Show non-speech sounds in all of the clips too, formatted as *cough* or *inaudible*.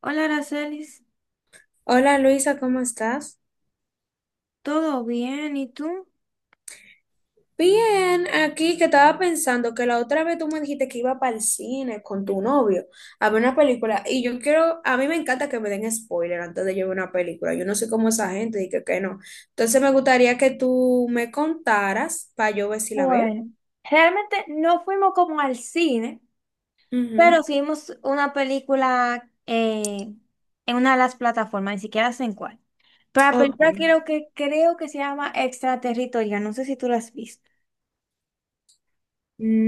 Hola, Aracelis, Hola Luisa, ¿cómo estás? ¿todo bien? ¿Y tú? Bien, aquí que estaba pensando que la otra vez tú me dijiste que iba para el cine con tu novio a ver una película y yo quiero, a mí me encanta que me den spoiler antes de yo ver una película, yo no sé cómo esa gente y que no. Entonces me gustaría que tú me contaras para yo ver si la veo. Bueno, realmente no fuimos como al cine, pero Ujú. sí vimos una película en una de las plataformas, ni siquiera sé en cuál. Pero la Ok. película creo que se llama Extraterritorial, no sé si tú la has visto.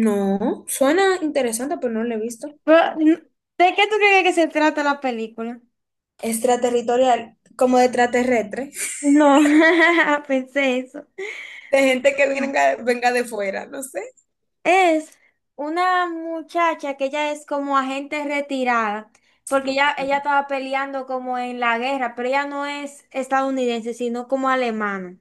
No, suena interesante, pero no la he visto. Pero, ¿de qué tú crees que se trata la película? Extraterritorial, como de extraterrestre, *laughs* No, *laughs* pensé eso. de gente que venga, venga de fuera, no sé. Es una muchacha que ella es como agente retirada, porque ella Ok. estaba peleando como en la guerra, pero ella no es estadounidense, sino como alemana.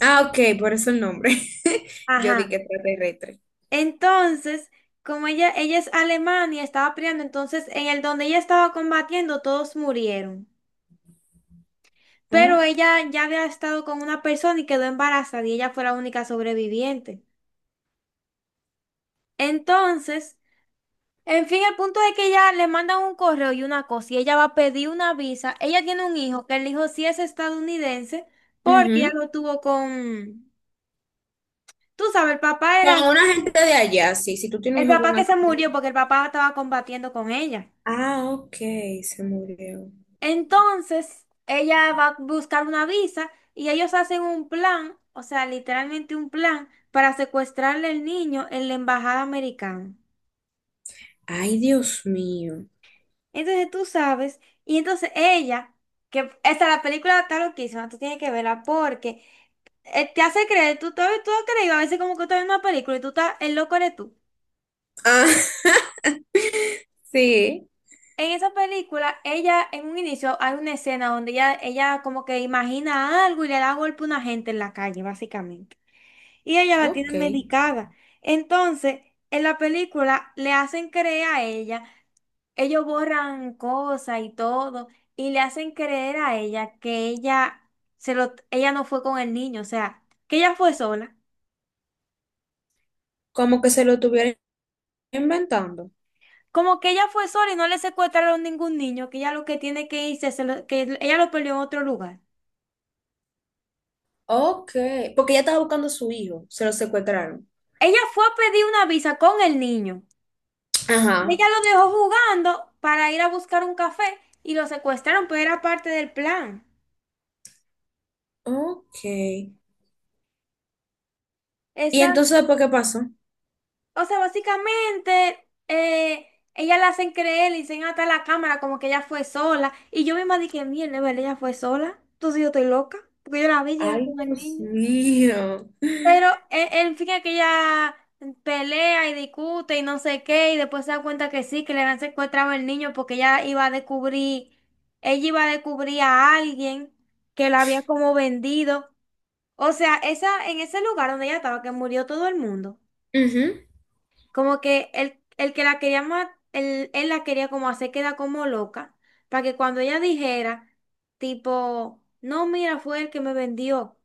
Ah, ok, por eso el nombre. *laughs* Yo di Ajá. que extraterrestre. Entonces, como ella es alemana y estaba peleando, entonces en el donde ella estaba combatiendo, todos murieron. Pero Oh, ella ya había estado con una persona y quedó embarazada y ella fue la única sobreviviente. Entonces, en fin, el punto es que ella le mandan un correo y una cosa, y ella va a pedir una visa. Ella tiene un hijo, que el hijo sí es estadounidense, porque ella ujú. lo tuvo con... Tú sabes, el papá Con era... una gente de allá, sí. Si tú tienes un El hijo papá con que se alguien. murió porque el papá estaba combatiendo con ella. Ah, ok, se murió. Entonces, ella va a buscar una visa y ellos hacen un plan, o sea, literalmente un plan para secuestrarle el niño en la embajada americana. Ay, Dios mío. Entonces tú sabes, y entonces ella, que esta la película está loquísima, tú tienes que verla porque te hace creer, tú has creído a veces como que tú estás viendo una película y tú estás, el loco eres tú. Ah, *laughs* sí, En esa película, ella, en un inicio, hay una escena donde ella como que imagina algo y le da golpe a una gente en la calle, básicamente. Y ella la tiene ok. medicada. Entonces, en la película le hacen creer a ella. Ellos borran cosas y todo, y le hacen creer a ella que ella se lo, ella no fue con el niño, o sea, que ella fue sola. Como que se lo estuvieron inventando. Como que ella fue sola y no le secuestraron ningún niño, que ella lo que tiene que irse, que ella lo perdió en otro lugar. Ok, porque ella estaba buscando a su hijo, se lo secuestraron. Ella fue a pedir una visa con el niño. Ajá. Ella lo dejó jugando para ir a buscar un café y lo secuestraron, pero era parte del plan. Ok. ¿Y Esa entonces después qué pasó? o sea, básicamente, ella la hacen creer, le dicen hasta la cámara como que ella fue sola. Y yo misma dije, mierda, ¿verdad? Ella fue sola. Entonces yo estoy loca, porque yo la vi llegar Ay, con el Dios niño. mío. Pero el fin es que ella pelea y discute y no sé qué, y después se da cuenta que sí, que le han secuestrado el niño porque ella iba a descubrir, ella iba a descubrir a alguien que la había como vendido. O sea, esa, en ese lugar donde ella estaba, que murió todo el mundo. Ujú. Como que el que la quería matar, él la quería como hacer quedar como loca, para que cuando ella dijera, tipo, no, mira, fue el que me vendió,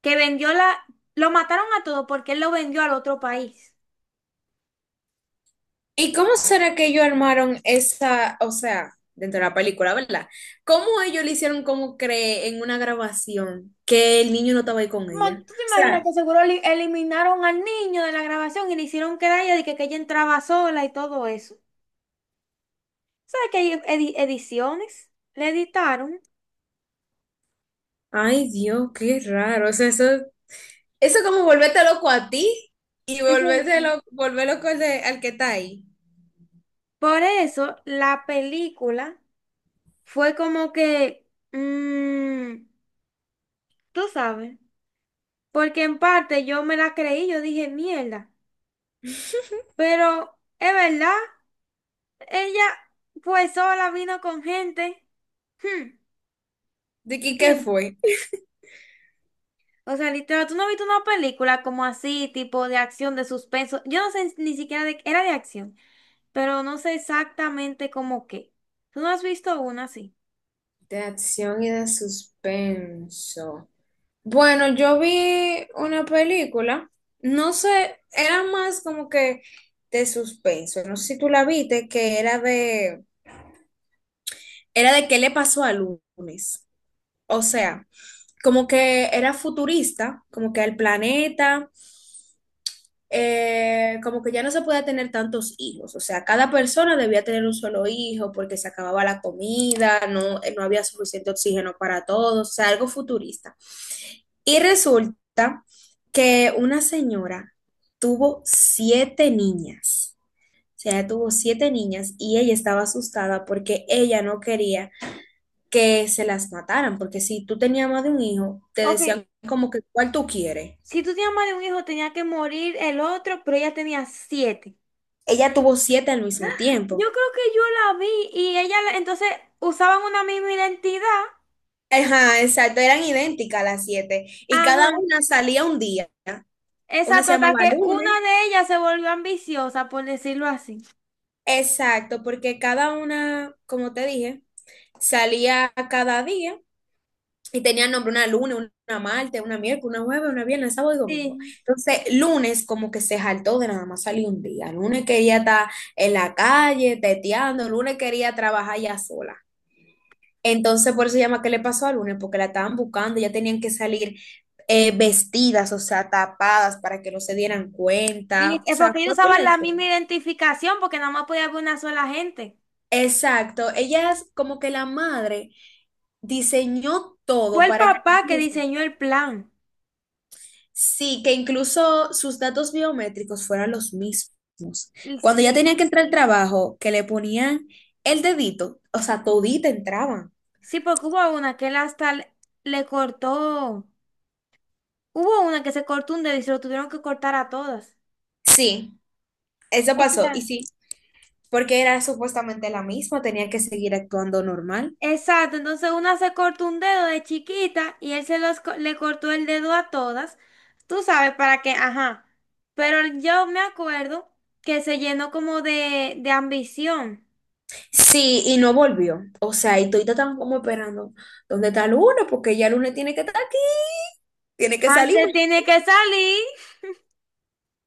que vendió la, lo mataron a todos porque él lo vendió al otro país. ¿Y cómo será que ellos armaron esa, o sea, dentro de la película, ¿verdad? ¿Cómo ellos le hicieron como cree en una grabación que el niño no estaba ahí con Mo- ella? O ¿Tú te imaginas sea, que seguro eliminaron al niño de la grabación y le hicieron quedar a ella de que ella entraba sola y todo eso? ¿Sabes que hay ediciones? Le editaron. ay Dios, qué raro. O sea, eso es como volverte loco a ti y volverte Exacto. loco, volver loco al, al que está ahí. Por eso la película fue como que, mm, tú sabes, porque en parte yo me la creí, yo dije, mierda, pero es verdad, ella fue sola, vino con gente. Hmm. ¿De qué, qué Bien. fue? O sea, literal, tú no has visto una película como así, tipo de acción, de suspenso. Yo no sé ni siquiera de, era de acción, pero no sé exactamente cómo qué. Tú no has visto una así. De acción y de suspenso. Bueno, yo vi una película, no sé, era más como que de suspenso, no sé si tú la viste, que era de qué le pasó a Lunes. O sea, como que era futurista, como que el planeta como que ya no se podía tener tantos hijos, o sea, cada persona debía tener un solo hijo porque se acababa la comida, no, no había suficiente oxígeno para todos, o sea, algo futurista. Y resulta que una señora tuvo siete niñas, o sea, ella tuvo siete niñas y ella estaba asustada porque ella no quería que se las mataran, porque si tú tenías más de un hijo, te Ok, decían como que, ¿cuál tú quieres? si tú tenías más de un hijo, tenía que morir el otro, pero ella tenía 7. Ella tuvo siete al mismo Yo tiempo. creo que yo la vi y ella, entonces, usaban una misma identidad. Ajá, exacto, eran idénticas las siete y Ajá. cada una salía un día. Una Exacto, se hasta llamaba que una lunes, de ellas se volvió ambiciosa, por decirlo así. exacto, porque cada una, como te dije, salía cada día y tenía nombre una lunes, una martes, una miércoles, una jueves, una viernes, sábado y domingo. Sí. Entonces, lunes como que se jaltó de nada más salir un día. Lunes quería estar en la calle, teteando, lunes quería trabajar ya sola. Entonces, por eso se llama ¿Qué le pasó al lunes? Porque la estaban buscando, ya tenían que salir vestidas, o sea, tapadas para que no se dieran cuenta. Y O es sea, porque ellos fue pila usaban de la show. misma identificación, porque nada más podía haber una sola gente. Exacto, ella es como que la madre diseñó Fue todo el para que papá que diseñó el plan. sí, que incluso sus datos biométricos fueran los mismos. Y Cuando ella sí. tenía que entrar al trabajo, que le ponían el dedito, o sea, todita entraban. Sí, porque hubo una que él hasta le, le cortó. Hubo una que se cortó un dedo y se lo tuvieron que cortar a todas. Sí, eso O pasó. Y sea. sí, porque era supuestamente la misma, tenía que seguir actuando normal. Exacto, entonces una se cortó un dedo de chiquita y él se los, le cortó el dedo a todas, tú sabes para qué, ajá, pero yo me acuerdo que se llenó como de ambición. Sí, y no volvió. O sea, y todita estaban como esperando, ¿dónde está Luna? Porque ya Luna tiene que estar aquí, tiene que salir. Marte tiene que salir.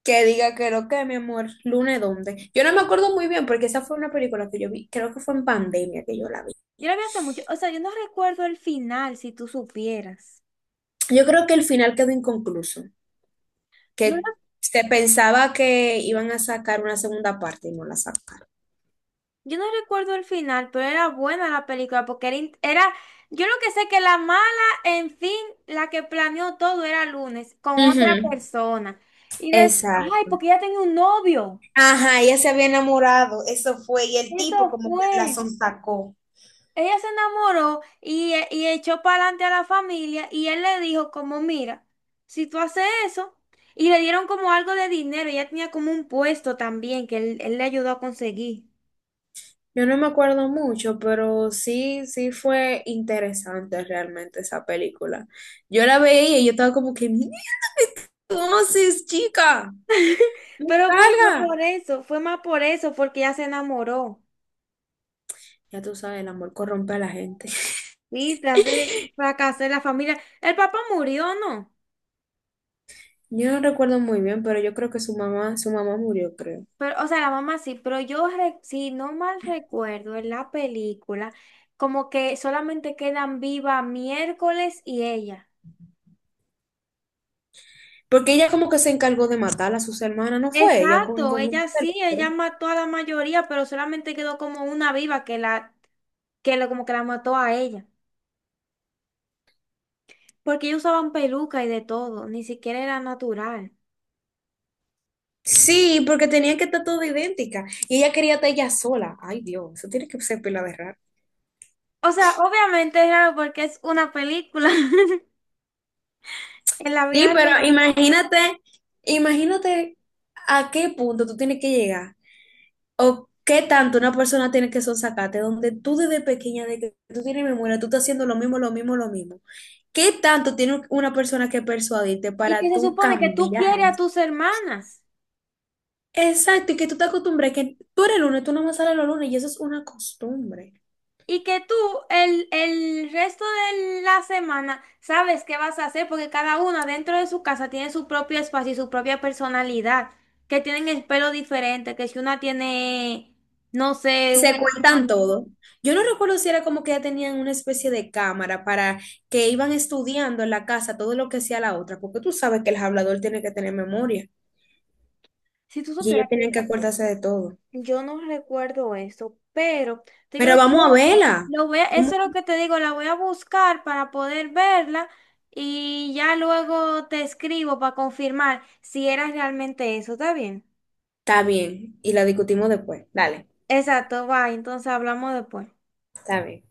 Que diga que lo que, mi amor, Luna, ¿dónde? Yo no me acuerdo muy bien porque esa fue una película que yo vi, creo que fue en pandemia que yo la vi. Yo lo vi hace mucho, o sea, yo no recuerdo el final, si tú supieras. Yo creo que el final quedó inconcluso, No. que se pensaba que iban a sacar una segunda parte y no la sacaron. Yo no recuerdo el final, pero era buena la película porque era, era, yo lo que sé que la mala, en fin, la que planeó todo era Lunes con Ujú. otra persona. Y de, ay, Exacto. porque ella tenía un novio. Ajá, ella se había enamorado, eso fue, y el tipo Eso como que la fue. sonsacó. Ella se enamoró y, y echó para adelante a la familia y él le dijo como, mira, si tú haces eso, y le dieron como algo de dinero, ella tenía como un puesto también que él le ayudó a conseguir. Yo no me acuerdo mucho, pero sí, sí fue interesante realmente esa película. Yo la veía y yo estaba como que, mira, ¿cómo haces, chica? ¡No Pero fue más salga! por eso, fue más por eso, porque ella se enamoró. Ya tú sabes, el amor corrompe a la gente. *laughs* Sí, tras de fracasé la familia. El papá murió, ¿no? Yo no recuerdo muy bien, pero yo creo que su mamá murió, creo. Pero, o sea, la mamá sí, pero yo, si no mal recuerdo, en la película, como que solamente quedan viva miércoles y ella. Porque ella como que se encargó de matar a sus hermanas, ¿no fue? Ella con, Exacto, con un ella sí, ella mató a la mayoría, pero solamente quedó como una viva que la, que lo, como que la mató a ella. Porque ellos usaban peluca y de todo, ni siquiera era natural. Sí, porque tenía que estar todo idéntica. Y ella quería estar ella sola. Ay, Dios, eso tiene que ser pila de raro. O sea, obviamente es raro porque es una película *laughs* en la Sí, vida pero real. imagínate, imagínate a qué punto tú tienes que llegar. O qué tanto una persona tiene que sonsacarte, donde tú desde pequeña, de que tú tienes memoria, tú estás haciendo lo mismo, lo mismo, lo mismo. ¿Qué tanto tiene una persona que persuadirte Y que para se tú supone que tú cambiar quieres a eso? tus hermanas Exacto, y que tú te acostumbres, que tú eres lunes, tú no más sales los lunes, y eso es una costumbre. y que tú el resto de la semana sabes qué vas a hacer porque cada una dentro de su casa tiene su propio espacio y su propia personalidad, que tienen el pelo diferente, que si una tiene, no sé, Y se cuentan una- todo. Yo no recuerdo si era como que ya tenían una especie de cámara para que iban estudiando en la casa todo lo que hacía la otra, porque tú sabes que el hablador tiene que tener memoria Si tú y ellos supieras que... tienen que acordarse de todo. Yo no recuerdo eso, pero te digo lo Pero que vamos voy a a hacer. verla. Eso Vamos- es lo que te digo, la voy a buscar para poder verla y ya luego te escribo para confirmar si era realmente eso, ¿está bien? Está bien, y la discutimos después. Dale, Exacto, va, entonces hablamos después. está bien.